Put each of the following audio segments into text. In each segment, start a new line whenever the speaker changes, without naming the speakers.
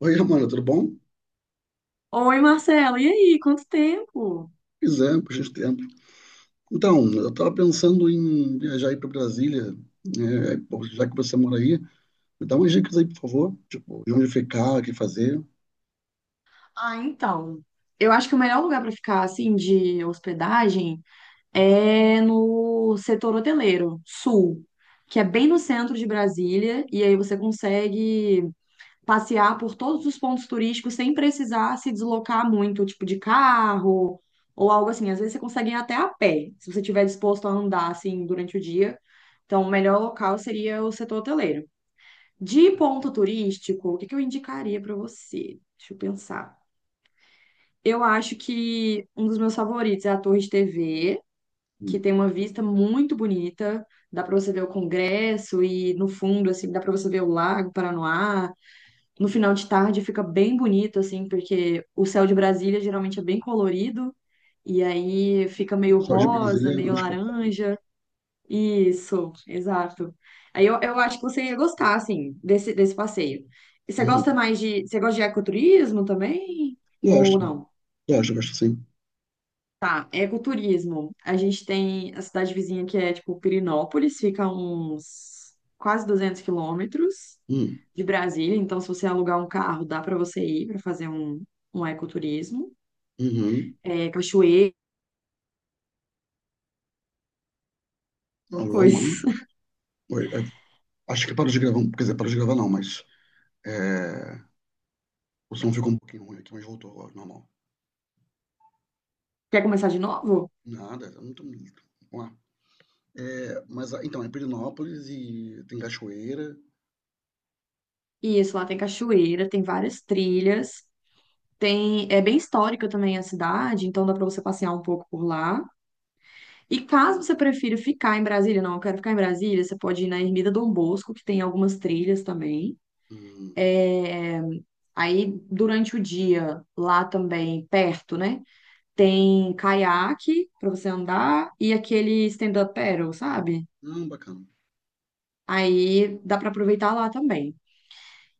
Oi, Romana, tudo bom?
Oi, Marcelo, e aí? Quanto tempo?
Pois é, por gente tempo. Então, eu estava pensando em viajar aí para Brasília, né? Pô, já que você mora aí, me dá umas dicas aí, por favor. Tipo, de onde ficar, o que fazer.
Ah, então, eu acho que o melhor lugar para ficar assim de hospedagem é no setor hoteleiro sul, que é bem no centro de Brasília, e aí você consegue passear por todos os pontos turísticos sem precisar se deslocar muito, tipo de carro ou algo assim. Às vezes você consegue ir até a pé, se você estiver disposto a andar assim durante o dia. Então, o melhor local seria o setor hoteleiro. De ponto turístico, o que que eu indicaria para você? Deixa eu pensar. Eu acho que um dos meus favoritos é a Torre de TV,
Hum.
que tem uma vista muito bonita. Dá para você ver o Congresso e no fundo, assim, dá para você ver o Lago Paranoá. No final de tarde fica bem bonito, assim, porque o céu de Brasília geralmente é bem colorido e aí fica meio
Só de
rosa,
Brasília é
meio
um espetáculo.
laranja. Isso, exato. Aí eu acho que você ia gostar, assim, desse passeio. E você gosta
Uhum.
mais de. Você gosta de ecoturismo também? Ou
Gosto,
não?
gosto sim.
Tá, ecoturismo. A gente tem a cidade vizinha que é, tipo, Pirinópolis, fica a uns quase 200 km
Hum.
de Brasília. Então, se você alugar um carro, dá para você ir para fazer um ecoturismo.
Uhum.
É, cachoeira,
Alô,
coisas.
Romana. Oi, é, acho que parou de gravar, quer dizer, parou de gravar não, mas é, o som ficou um pouquinho ruim aqui, mas voltou agora, normal.
Quer começar de novo?
Nada, eu não tô... Vamos lá. É, mas, ah, então, é Pirinópolis e tem Cachoeira.
Isso, lá tem cachoeira, tem várias trilhas. Tem, é bem histórica também a cidade, então dá para você passear um pouco por lá. E caso você prefira ficar em Brasília, não, eu quero ficar em Brasília, você pode ir na Ermida Dom Bosco, que tem algumas trilhas também.
Hum.
É, aí, durante o dia, lá também, perto, né? Tem caiaque para você andar e aquele stand-up paddle, sabe?
Ah, bacana.
Aí dá para aproveitar lá também.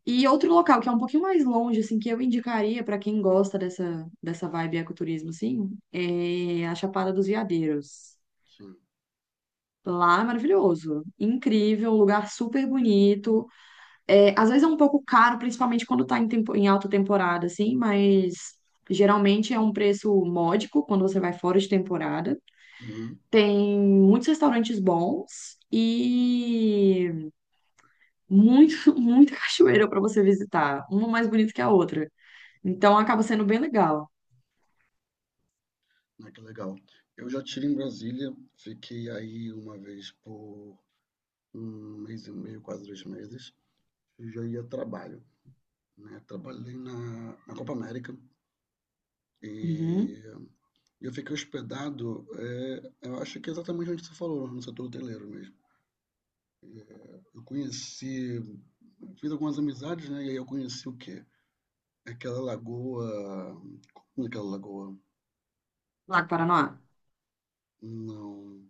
E outro local que é um pouquinho mais longe, assim, que eu indicaria para quem gosta dessa vibe ecoturismo, assim, é a Chapada dos Veadeiros.
Sim.
Lá é maravilhoso, incrível, um lugar super bonito. É, às vezes é um pouco caro, principalmente quando tá em alta temporada, assim, mas geralmente é um preço módico quando você vai fora de temporada.
Uhum.
Tem muitos restaurantes bons e muito, muita cachoeira para você visitar, uma mais bonita que a outra. Então acaba sendo bem legal.
Ah, que legal. Eu já tive em Brasília, fiquei aí uma vez por um mês e meio, quase dois meses, e já ia a trabalho, né? Trabalhei na Copa América e
Uhum.
eu fiquei hospedado, é, eu acho que é exatamente onde você falou, no setor hoteleiro mesmo. Eu conheci, fiz algumas amizades, né? E aí eu conheci o quê? Aquela lagoa. Como é aquela lagoa?
Lago Paranoá.
Não.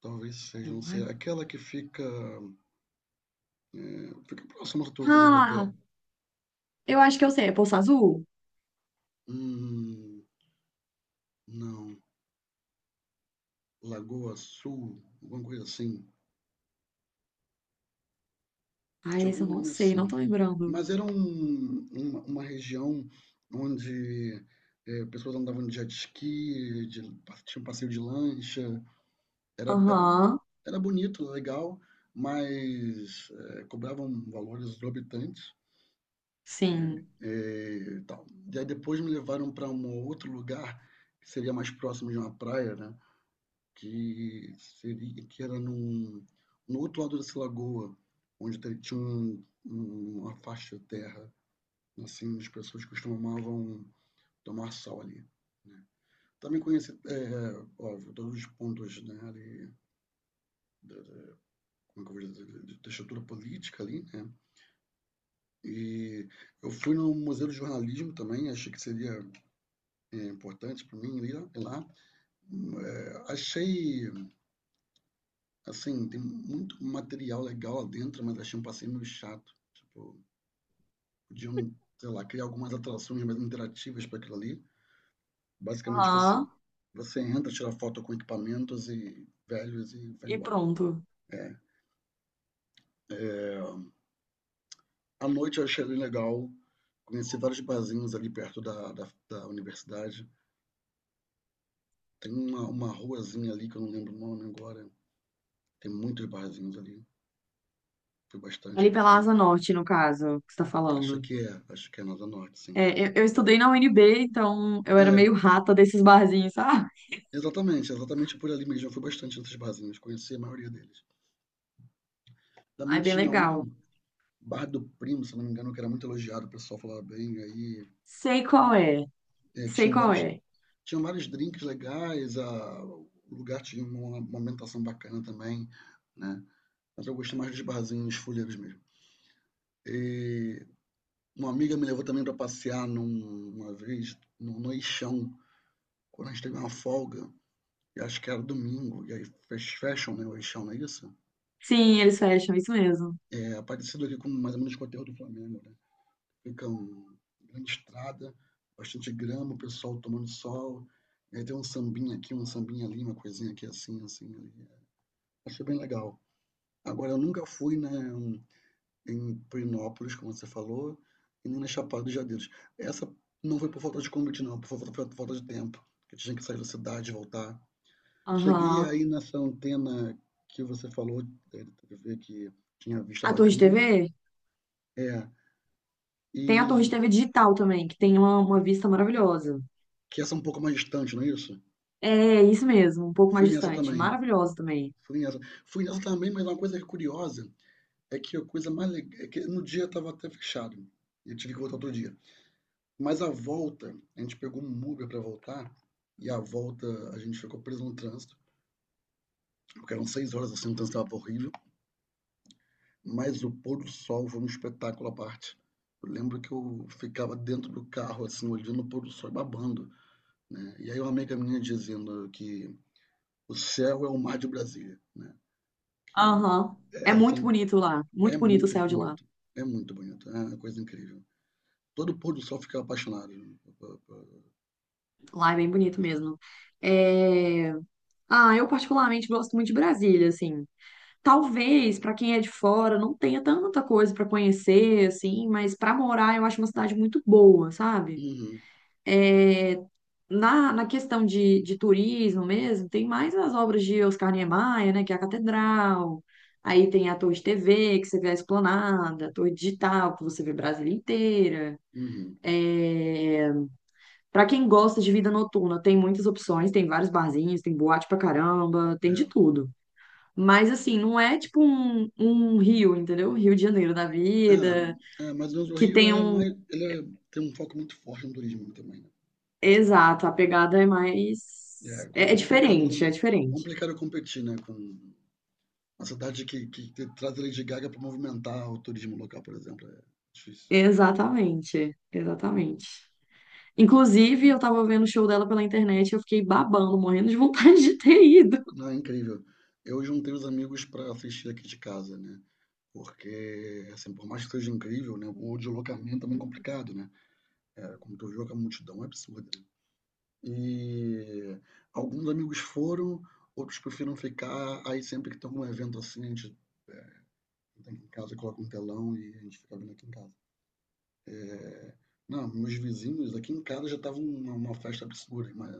Talvez seja, não sei. Aquela que fica. Fica próximo à Torre de Hotel.
Ah, eu acho que eu sei. É Poço Azul?
Hum, não. Lagoa Sul, alguma coisa assim.
Ah,
Tinha
esse
algum
eu não
nome
sei, não
assim.
tô lembrando.
Mas era uma região onde pessoas andavam de jet ski, de, tinha um passeio de lancha. Era, era,
Aham,
era bonito, legal, mas cobravam valores exorbitantes.
sim.
E tal. E aí depois me levaram para um outro lugar que seria mais próximo de uma praia, né? Que seria que era no outro lado dessa lagoa, onde tinha uma faixa de terra, assim, as pessoas costumavam tomar sol ali. Também conheci, é, é, óbvio, todos os pontos, né, ali, da, da- como é que eu vou dizer, da estrutura política ali, né? E eu fui no Museu do Jornalismo também, achei que seria é, importante para mim ir lá. É, achei, assim, tem muito material legal lá dentro, mas achei um passeio meio chato. Tipo, podiam, sei lá, criar algumas atrações mais interativas para aquilo ali. Basicamente,
Aham,
você entra, tira foto com equipamentos e velhos e vai
e
embora.
pronto.
É. É, à noite eu achei bem legal. Conheci vários barzinhos ali perto da universidade. Tem uma ruazinha ali que eu não lembro o nome agora. Tem muitos barzinhos ali. Fui bastante
Ali
por
pela
lá.
Asa Norte, no caso, que você tá falando.
Acho que é Nada Norte, sim.
É, eu estudei na UNB, então eu era
É,
meio rata desses barzinhos, sabe?
exatamente, exatamente por ali mesmo. Eu fui bastante nesses barzinhas, conheci a maioria deles. Também
Ai, bem
tinha um,
legal.
Bar do Primo, se não me engano, que era muito elogiado, o pessoal falava bem. Aí
Sei qual é,
é,
sei qual é.
tinham vários drinks legais, o lugar tinha uma ambientação bacana também, né? Mas eu gostei mais dos barzinhos fuleiros mesmo. E uma amiga me levou também para passear uma vez no Eixão, quando a gente teve uma folga, e acho que era domingo, e aí fez fashion, né? O Eixão, não é isso?
Sim, eles fecham, isso mesmo.
É, parecido ali com mais ou menos com o terra do Flamengo, né? Fica uma grande estrada, bastante grama, o pessoal tomando sol, aí tem um sambinha aqui, um sambinha ali, uma coisinha aqui assim, assim. Ali. Achei bem legal. Agora, eu nunca fui né, em Perinópolis, como você falou, e nem na Chapada dos Veadeiros. Essa não foi por falta de convite, não, por falta de tempo, que tinha que sair da cidade e voltar. Cheguei
Aham.
aí nessa antena que você falou, é, da TV que tinha vista
A Torre de TV?
bacana, é,
Tem a Torre de
e
TV digital também, que tem uma vista maravilhosa.
que essa é um pouco mais distante, não é isso?
É, isso mesmo, um pouco mais
Fui nessa
distante.
também.
Maravilhoso também.
Fui nessa. Fui nessa também, mas uma coisa curiosa é que a coisa mais legal é que no dia eu tava até fechado. E eu tive que voltar outro dia. Mas a volta, a gente pegou um Uber para voltar. E a volta a gente ficou preso no trânsito, porque eram seis horas assim, o trânsito estava horrível. Mas o pôr do sol foi um espetáculo à parte. Eu lembro que eu ficava dentro do carro, assim, olhando o pôr do sol e babando. Né? E aí uma amiga minha dizendo que o céu é o mar de Brasília. Né? Que
Aham. É muito
assim,
bonito lá. Muito
é
bonito o
muito
céu de lá.
bonito, é muito bonito, é uma coisa incrível. Todo pôr do sol fica apaixonado, né,
Lá é bem
por
bonito
Brasília.
mesmo. É. Ah, eu particularmente gosto muito de Brasília, assim. Talvez pra quem é de fora não tenha tanta coisa pra conhecer, assim, mas pra morar eu acho uma cidade muito boa, sabe?
Uhum,
É, na questão de turismo mesmo, tem mais as obras de Oscar Niemeyer, né, que é a Catedral, aí tem a Torre de TV, que você vê a Esplanada, a Torre Digital, que você vê Brasília inteira.
uhum,
É. Para quem gosta de vida noturna, tem muitas opções, tem vários barzinhos, tem boate pra caramba, tem
é.
de tudo. Mas, assim, não é tipo um Rio, entendeu? Rio de Janeiro da vida,
É, é, mais menos o
que
Rio
tem
ele é
um.
mais, ele é- tem um foco muito forte no turismo também, né?
Exato, a pegada é
É
mais. É
complicado,
diferente, é diferente.
complicado competir, né? Com uma cidade que traz a Lady Gaga para movimentar o turismo local, por exemplo, é difícil.
Exatamente, exatamente. Inclusive, eu tava vendo o show dela pela internet e eu fiquei babando, morrendo de vontade de ter ido.
Não, é incrível. Eu juntei os amigos para assistir aqui de casa, né? Porque, assim, por mais que seja incrível, né, o deslocamento é muito complicado, né? É, como tu viu, que a multidão é absurda. Né? E alguns amigos foram, outros preferiram ficar. Aí sempre que tem algum evento assim, a gente tem aqui em casa, coloca um telão e a gente fica vendo aqui em casa. Não, meus vizinhos aqui em casa já estavam uma festa absurda, mas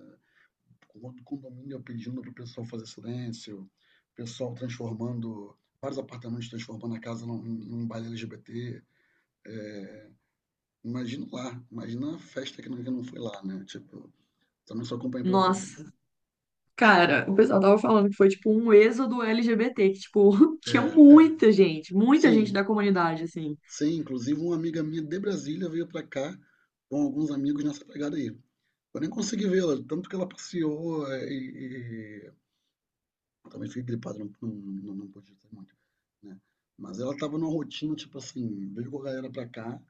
com outro condomínio pedindo para o pessoal fazer silêncio, o pessoal transformando vários apartamentos transformando a casa em um baile LGBT. Imagino lá, imagina a festa que não foi lá, né? Tipo, também só acompanhei pela TV.
Nossa, cara, o pessoal tava falando que foi tipo um êxodo LGBT, que tipo, tinha
É, é.
muita gente
Sim,
da comunidade, assim.
sim. Inclusive, uma amiga minha de Brasília veio pra cá com alguns amigos nessa pegada aí. Eu nem consegui vê-la, tanto que ela passeou é, eu também fiquei gripado, não pude ter muito, né? Mas ela tava numa rotina, tipo assim, veio com a galera pra cá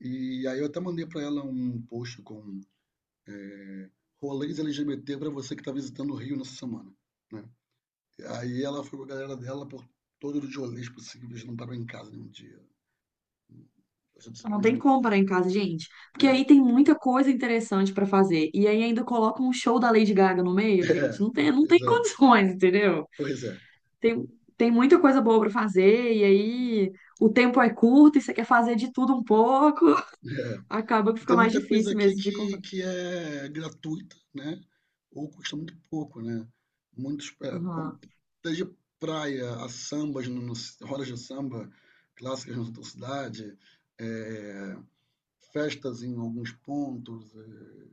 e aí eu até mandei pra ela um post com rolês LGBT pra você que tá visitando o Rio nessa semana, né? Aí ela foi com a galera dela por todos os rolês possíveis, não parou em casa nenhum dia. Passou de ser um
Não
monte
tem
de... mim,
como parar em casa, gente, porque
né?
aí tem muita coisa interessante pra fazer. E aí ainda coloca um show da Lady Gaga no meio,
É,
gente,
é,
não tem, não
pois
tem
é,
condições, entendeu?
pois é,
tem, tem muita coisa boa para fazer, e aí o tempo é curto e você quer fazer de tudo um pouco,
é.
acaba que
E
fica
tem
mais
muita coisa
difícil
aqui
mesmo de encontrar.
que é gratuita, né? Ou custa muito pouco, né? Muitos, é, bom,
Aham.
desde praia a sambas, rodas de samba clássicas na tua cidade, é, festas em alguns pontos, é,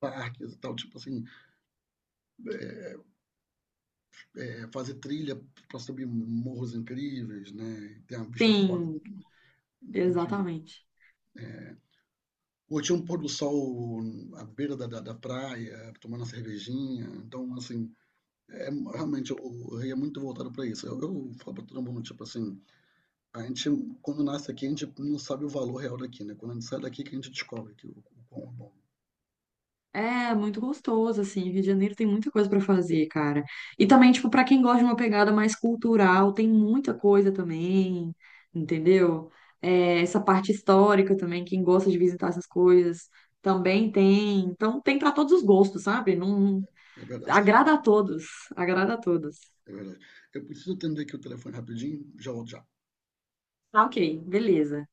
parques e tal, tipo assim, é, fazer trilha para subir morros incríveis, né? Tem uma vista foda,
Sim,
enfim.
exatamente.
Ou tinha um pôr do sol à beira da praia, tomando uma cervejinha. Então, assim, é, realmente o Rei é muito voltado para isso. Eu falo para todo mundo, tipo assim, a gente, quando nasce aqui, a gente não sabe o valor real daqui, né? Quando a gente sai daqui, que a gente descobre que o quão é bom.
É muito gostoso, assim. Rio de Janeiro tem muita coisa para fazer, cara. E também, tipo, para quem gosta de uma pegada mais cultural, tem muita coisa também, entendeu? É, essa parte histórica também, quem gosta de visitar essas coisas, também tem. Então, tem para todos os gostos, sabe? Não,
É verdade,
agrada a todos, agrada a todos.
é verdade. Eu preciso atender aqui o telefone rapidinho, já volto já.
Ah, ok, beleza.